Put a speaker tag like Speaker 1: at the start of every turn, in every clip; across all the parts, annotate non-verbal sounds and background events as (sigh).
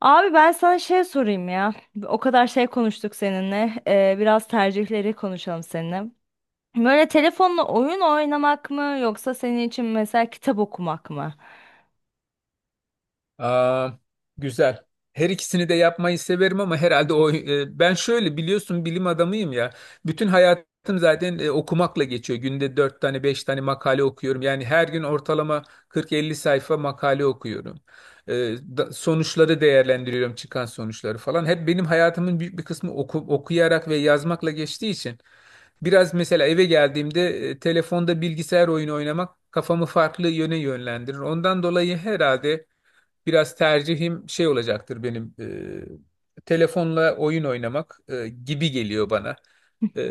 Speaker 1: Abi ben sana şey sorayım ya. O kadar şey konuştuk seninle. Biraz tercihleri konuşalım seninle. Böyle telefonla oyun oynamak mı yoksa senin için mesela kitap okumak mı?
Speaker 2: Aa, güzel. Her ikisini de yapmayı severim ama herhalde ben şöyle biliyorsun bilim adamıyım ya. Bütün hayatım zaten okumakla geçiyor. Günde 4 tane 5 tane makale okuyorum. Yani her gün ortalama 40-50 sayfa makale okuyorum. E, Sonuçları değerlendiriyorum, çıkan sonuçları falan. Hep benim hayatımın büyük bir kısmı okuyarak ve yazmakla geçtiği için biraz mesela eve geldiğimde telefonda bilgisayar oyunu oynamak kafamı farklı yöne yönlendirir. Ondan dolayı herhalde biraz tercihim şey olacaktır benim, telefonla oyun oynamak gibi geliyor bana. E,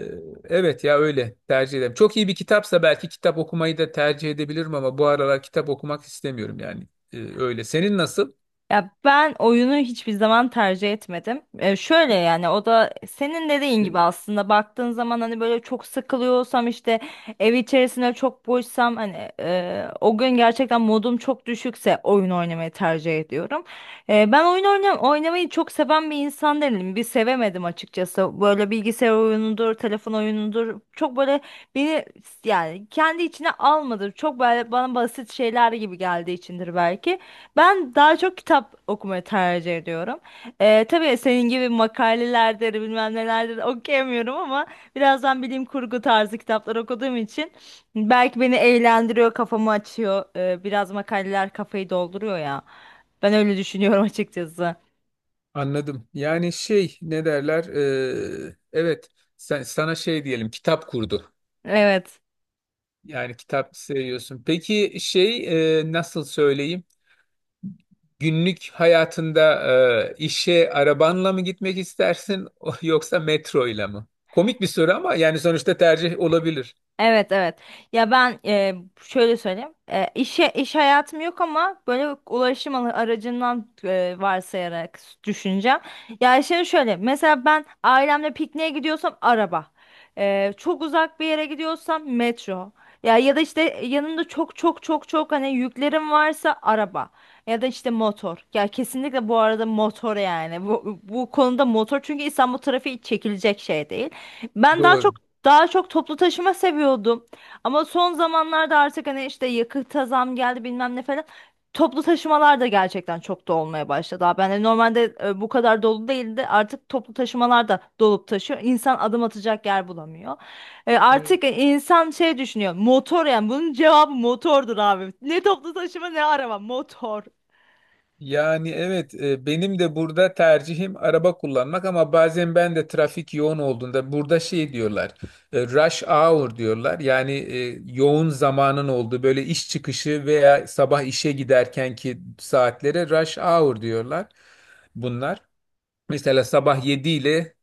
Speaker 2: evet ya, öyle tercih ederim. Çok iyi bir kitapsa belki kitap okumayı da tercih edebilirim ama bu aralar kitap okumak istemiyorum yani. Öyle. Senin nasıl?
Speaker 1: Ya ben oyunu hiçbir zaman tercih etmedim. Şöyle yani o da senin dediğin gibi
Speaker 2: E,
Speaker 1: aslında baktığın zaman hani böyle çok sıkılıyorsam işte ev içerisinde çok boşsam hani o gün gerçekten modum çok düşükse oyun oynamayı tercih ediyorum. Ben oyun oynam oynamayı çok seven bir insan değilim. Bir sevemedim açıkçası. Böyle bilgisayar oyunudur, telefon oyunudur. Çok böyle beni yani kendi içine almadı. Çok böyle bana basit şeyler gibi geldiği içindir belki. Ben daha çok kitap okumayı tercih ediyorum. Tabii senin gibi makalelerdir, bilmem nelerdir okuyamıyorum ama birazdan bilim kurgu tarzı kitaplar okuduğum için belki beni eğlendiriyor, kafamı açıyor. Biraz makaleler kafayı dolduruyor ya. Ben öyle düşünüyorum (laughs) açıkçası.
Speaker 2: Anladım. Yani şey, ne derler? Evet, sana şey diyelim, kitap kurdu.
Speaker 1: Evet.
Speaker 2: Yani kitap seviyorsun. Peki şey, nasıl söyleyeyim? Günlük hayatında işe arabanla mı gitmek istersin (laughs) yoksa metro ile mi? Komik bir soru ama yani sonuçta tercih olabilir.
Speaker 1: Evet, evet. Ya ben şöyle söyleyeyim. İşe iş hayatım yok ama böyle ulaşım aracından varsayarak düşüneceğim. Ya şimdi şöyle mesela ben ailemle pikniğe gidiyorsam araba. Çok uzak bir yere gidiyorsam metro. Ya ya da işte yanımda çok çok çok çok hani yüklerim varsa araba ya da işte motor. Ya kesinlikle bu arada motor yani. Bu konuda motor çünkü İstanbul trafiği çekilecek şey değil. Ben daha çok
Speaker 2: Doğru.
Speaker 1: daha çok toplu taşıma seviyordum. Ama son zamanlarda artık hani işte yakıta zam geldi bilmem ne falan. Toplu taşımalar da gerçekten çok da olmaya başladı. Abi. Yani normalde bu kadar dolu değildi. Artık toplu taşımalar da dolup taşıyor. İnsan adım atacak yer bulamıyor.
Speaker 2: Evet.
Speaker 1: Artık insan şey düşünüyor. Motor yani bunun cevabı motordur abi. Ne toplu taşıma ne araba motor.
Speaker 2: Yani evet, benim de burada tercihim araba kullanmak ama bazen ben de trafik yoğun olduğunda burada şey diyorlar, rush hour diyorlar. Yani yoğun zamanın olduğu böyle iş çıkışı veya sabah işe giderkenki saatlere rush hour diyorlar bunlar. Mesela sabah 7 ile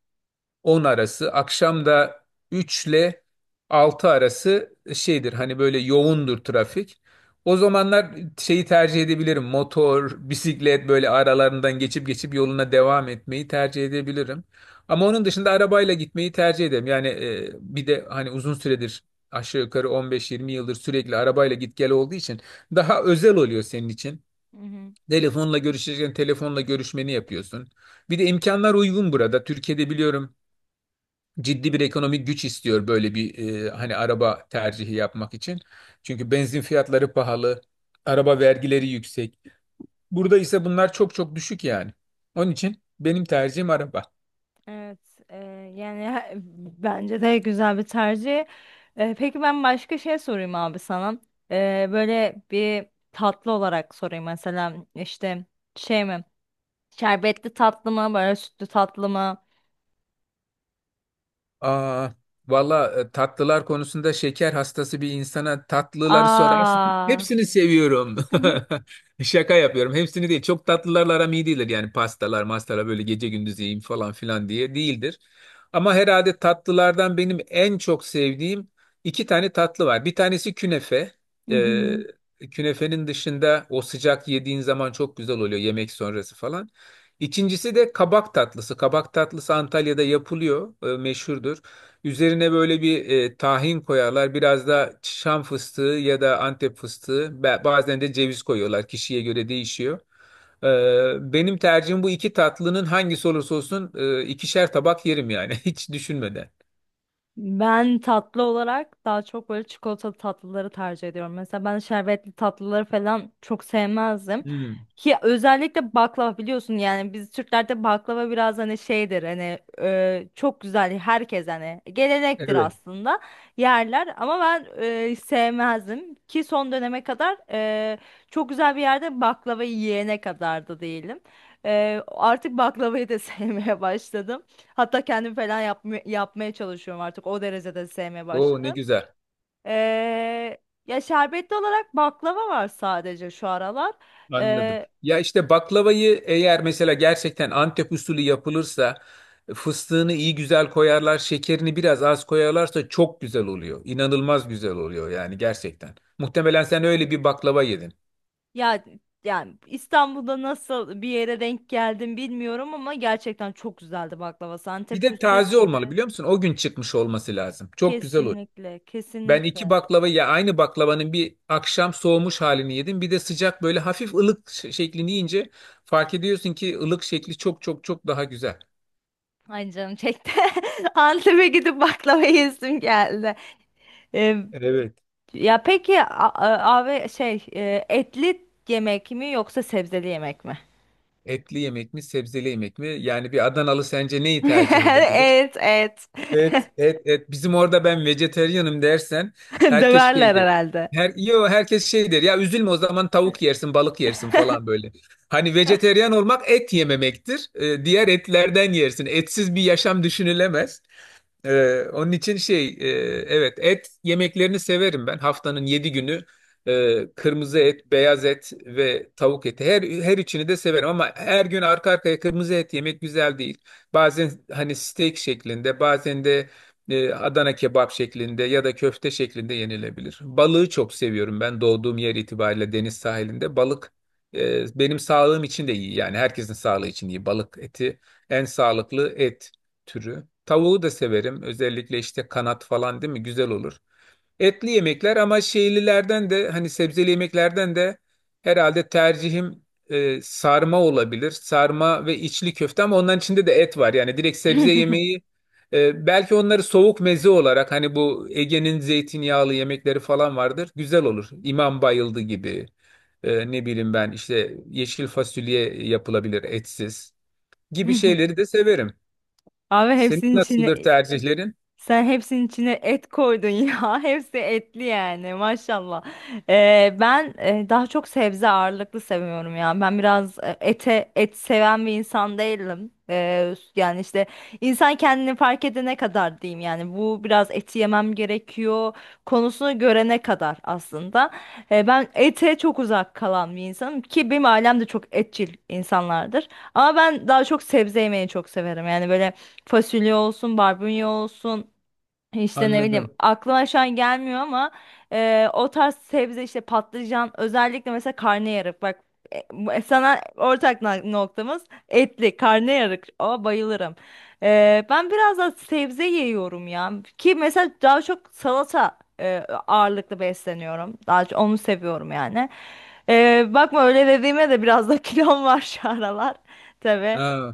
Speaker 2: on arası. Akşam da 3 ile 6 arası şeydir, hani böyle yoğundur trafik. O zamanlar şeyi tercih edebilirim. Motor, bisiklet, böyle aralarından geçip yoluna devam etmeyi tercih edebilirim. Ama onun dışında arabayla gitmeyi tercih ederim. Yani bir de hani uzun süredir aşağı yukarı on beş yirmi yıldır sürekli arabayla git gel olduğu için daha özel oluyor senin için.
Speaker 1: Hı hı.
Speaker 2: Telefonla görüşecekken telefonla görüşmeni yapıyorsun. Bir de imkanlar uygun burada. Türkiye'de biliyorum, ciddi bir ekonomik güç istiyor böyle bir, hani araba tercihi yapmak için. Çünkü benzin fiyatları pahalı, araba vergileri yüksek. Burada ise bunlar çok düşük yani. Onun için benim tercihim araba.
Speaker 1: Evet, e, yani bence de güzel bir tercih. Peki ben başka şey sorayım abi sana. Böyle bir tatlı olarak sorayım mesela işte şey mi? Şerbetli tatlı mı? Böyle sütlü tatlı mı?
Speaker 2: Aa, valla, tatlılar konusunda, şeker hastası bir insana tatlıları sorarsan
Speaker 1: Aa.
Speaker 2: hepsini seviyorum.
Speaker 1: (laughs)
Speaker 2: (laughs) Şaka yapıyorum. Hepsini değil. Çok tatlılarla aram iyi değildir. Yani pastalar, mastalar böyle gece gündüz yiyeyim falan filan diye değildir. Ama herhalde tatlılardan benim en çok sevdiğim iki tane tatlı var. Bir tanesi künefe.
Speaker 1: Hı
Speaker 2: Ee,
Speaker 1: hı.
Speaker 2: Künefenin dışında, o sıcak yediğin zaman çok güzel oluyor, yemek sonrası falan. İkincisi de kabak tatlısı. Kabak tatlısı Antalya'da yapılıyor, meşhurdur. Üzerine böyle bir, tahin koyarlar. Biraz da Şam fıstığı ya da Antep fıstığı, bazen de ceviz koyuyorlar. Kişiye göre değişiyor. Benim tercihim, bu iki tatlının hangisi olursa olsun, ikişer tabak yerim yani (laughs) hiç düşünmeden.
Speaker 1: Ben tatlı olarak daha çok böyle çikolatalı tatlıları tercih ediyorum. Mesela ben şerbetli tatlıları falan çok sevmezdim.
Speaker 2: Hmm,
Speaker 1: Ki özellikle baklava biliyorsun yani biz Türklerde baklava biraz hani şeydir hani çok güzel herkes hani gelenektir
Speaker 2: evet.
Speaker 1: aslında yerler ama ben sevmezdim ki son döneme kadar çok güzel bir yerde baklava yiyene kadar da değilim. Artık baklavayı da (laughs) sevmeye başladım. Hatta kendim falan yapmaya çalışıyorum artık. O derecede sevmeye
Speaker 2: Oo, ne
Speaker 1: başladım.
Speaker 2: güzel.
Speaker 1: Ee, Ya şerbetli olarak baklava var sadece şu aralar.
Speaker 2: Anladım.
Speaker 1: Ee,
Speaker 2: Ya işte baklavayı eğer mesela gerçekten Antep usulü yapılırsa fıstığını iyi güzel koyarlar, şekerini biraz az koyarlarsa çok güzel oluyor. İnanılmaz güzel oluyor yani, gerçekten. Muhtemelen sen öyle bir baklava yedin.
Speaker 1: Ya yani İstanbul'da nasıl bir yere denk geldim bilmiyorum ama gerçekten çok güzeldi baklavası.
Speaker 2: Bir
Speaker 1: Antep
Speaker 2: de
Speaker 1: usulü
Speaker 2: taze olmalı,
Speaker 1: müydü?
Speaker 2: biliyor musun? O gün çıkmış olması lazım. Çok güzel olur.
Speaker 1: Kesinlikle,
Speaker 2: Ben iki
Speaker 1: kesinlikle.
Speaker 2: baklava, ya aynı baklavanın bir akşam soğumuş halini yedim. Bir de sıcak, böyle hafif ılık şeklini yiyince fark ediyorsun ki ılık şekli çok daha güzel.
Speaker 1: Ay canım çekti. (laughs) Antep'e gidip baklava yesim geldi. Ee,
Speaker 2: Evet.
Speaker 1: Ya peki abi şey etli yemek mi yoksa sebzeli yemek mi?
Speaker 2: Etli yemek mi, sebzeli yemek mi? Yani bir Adanalı sence neyi tercih
Speaker 1: (laughs)
Speaker 2: edebilir?
Speaker 1: Evet, evet.
Speaker 2: Evet. Evet, evet. Bizim orada ben vejeteryanım dersen
Speaker 1: (laughs)
Speaker 2: herkes şey
Speaker 1: Döverler
Speaker 2: der.
Speaker 1: herhalde.
Speaker 2: Herkes şey der. Ya, üzülme o zaman, tavuk yersin, balık yersin falan böyle. Hani vejeteryan olmak et yememektir. Diğer etlerden yersin. Etsiz bir yaşam düşünülemez. Onun için şey, evet, et yemeklerini severim ben. Haftanın yedi günü kırmızı et, beyaz et ve tavuk eti, her üçünü de severim ama her gün arka arkaya kırmızı et yemek güzel değil. Bazen hani steak şeklinde, bazen de Adana kebap şeklinde ya da köfte şeklinde yenilebilir. Balığı çok seviyorum ben, doğduğum yer itibariyle deniz sahilinde balık benim sağlığım için de iyi, yani herkesin sağlığı için iyi. Balık eti en sağlıklı et türü. Tavuğu da severim. Özellikle işte kanat falan, değil mi? Güzel olur. Etli yemekler ama şeylilerden de, hani sebzeli yemeklerden de herhalde tercihim sarma olabilir. Sarma ve içli köfte ama onların içinde de et var. Yani direkt sebze yemeği,
Speaker 1: (laughs)
Speaker 2: belki onları soğuk meze olarak, hani bu Ege'nin zeytinyağlı yemekleri falan vardır. Güzel olur. İmam bayıldı gibi. Ne bileyim, ben işte yeşil fasulye yapılabilir etsiz gibi şeyleri de severim.
Speaker 1: Abi
Speaker 2: Senin
Speaker 1: hepsinin içine
Speaker 2: nasıldır tercihlerin?
Speaker 1: sen hepsinin içine et koydun ya. (laughs) Hepsi etli yani maşallah. Ben daha çok sebze ağırlıklı seviyorum ya. Ben biraz e, ete et seven bir insan değilim. Yani işte insan kendini fark edene kadar diyeyim yani bu biraz eti yemem gerekiyor konusunu görene kadar aslında. Ben ete çok uzak kalan bir insanım ki benim ailem de çok etçil insanlardır. Ama ben daha çok sebze yemeyi çok severim. Yani böyle fasulye olsun, barbunya olsun. İşte ne bileyim
Speaker 2: Anladım.
Speaker 1: aklıma şu an gelmiyor ama o tarz sebze işte patlıcan özellikle mesela karnıyarık bak, sana ortak noktamız etli karnıyarık, o bayılırım. Ben biraz da sebze yiyorum ya ki mesela daha çok salata ağırlıklı besleniyorum, daha çok onu seviyorum yani. Bakma öyle dediğime de biraz da (laughs) kilom var şu aralar tabii.
Speaker 2: Aa,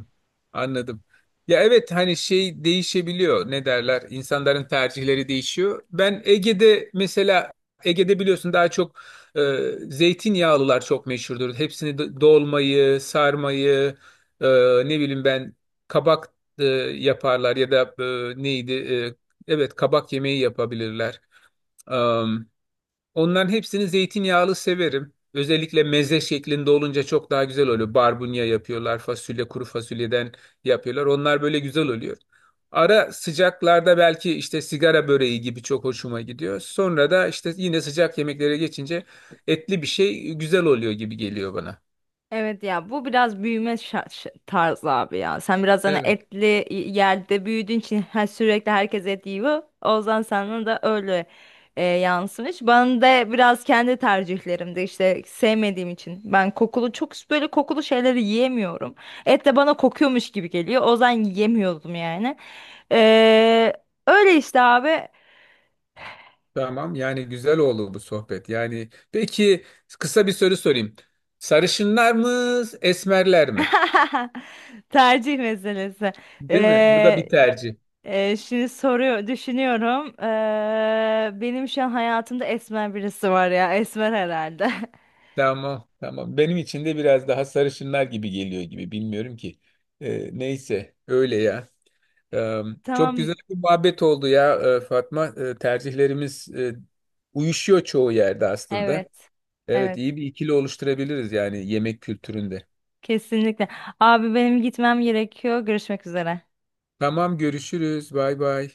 Speaker 2: anladım. Ya evet, hani şey değişebiliyor, ne derler, İnsanların tercihleri değişiyor. Ben Ege'de mesela, biliyorsun daha çok zeytinyağlılar çok meşhurdur. Hepsini, dolmayı, sarmayı, e, ne bileyim ben, kabak e, yaparlar ya da e, neydi e, evet, kabak yemeği yapabilirler. Onların hepsini zeytinyağlı severim. Özellikle meze şeklinde olunca çok daha güzel oluyor. Barbunya yapıyorlar, fasulye, kuru fasulyeden yapıyorlar. Onlar böyle güzel oluyor. Ara sıcaklarda belki işte sigara böreği gibi çok hoşuma gidiyor. Sonra da işte yine sıcak yemeklere geçince etli bir şey güzel oluyor gibi geliyor bana.
Speaker 1: Evet ya bu biraz büyüme tarzı abi ya. Sen biraz hani
Speaker 2: Evet.
Speaker 1: etli yerde büyüdüğün için her sürekli herkes et yiyor. O yüzden sana da öyle yansımış. Ben de biraz kendi tercihlerimde işte sevmediğim için. Ben kokulu çok böyle kokulu şeyleri yiyemiyorum. Et de bana kokuyormuş gibi geliyor. O yüzden yiyemiyordum yani. Ee, Öyle işte abi.
Speaker 2: Tamam, yani güzel oldu bu sohbet. Yani peki kısa bir soru sorayım. Sarışınlar mı, esmerler mi?
Speaker 1: (laughs) Tercih meselesi.
Speaker 2: Değil mi? Bu da
Speaker 1: E,
Speaker 2: bir tercih.
Speaker 1: Şimdi soruyor, düşünüyorum. Benim şu an hayatımda esmer birisi var ya. Esmer herhalde.
Speaker 2: Tamam, tamam. Benim için de biraz daha sarışınlar gibi geliyor gibi. Bilmiyorum ki. Neyse, öyle ya. Ee,
Speaker 1: (laughs)
Speaker 2: Çok
Speaker 1: Tamam.
Speaker 2: güzel bir muhabbet oldu ya, Fatma. Tercihlerimiz uyuşuyor çoğu yerde aslında.
Speaker 1: Evet.
Speaker 2: Evet,
Speaker 1: Evet.
Speaker 2: iyi bir ikili oluşturabiliriz yani yemek kültüründe.
Speaker 1: Kesinlikle. Abi benim gitmem gerekiyor. Görüşmek üzere.
Speaker 2: Tamam, görüşürüz. Bay bay.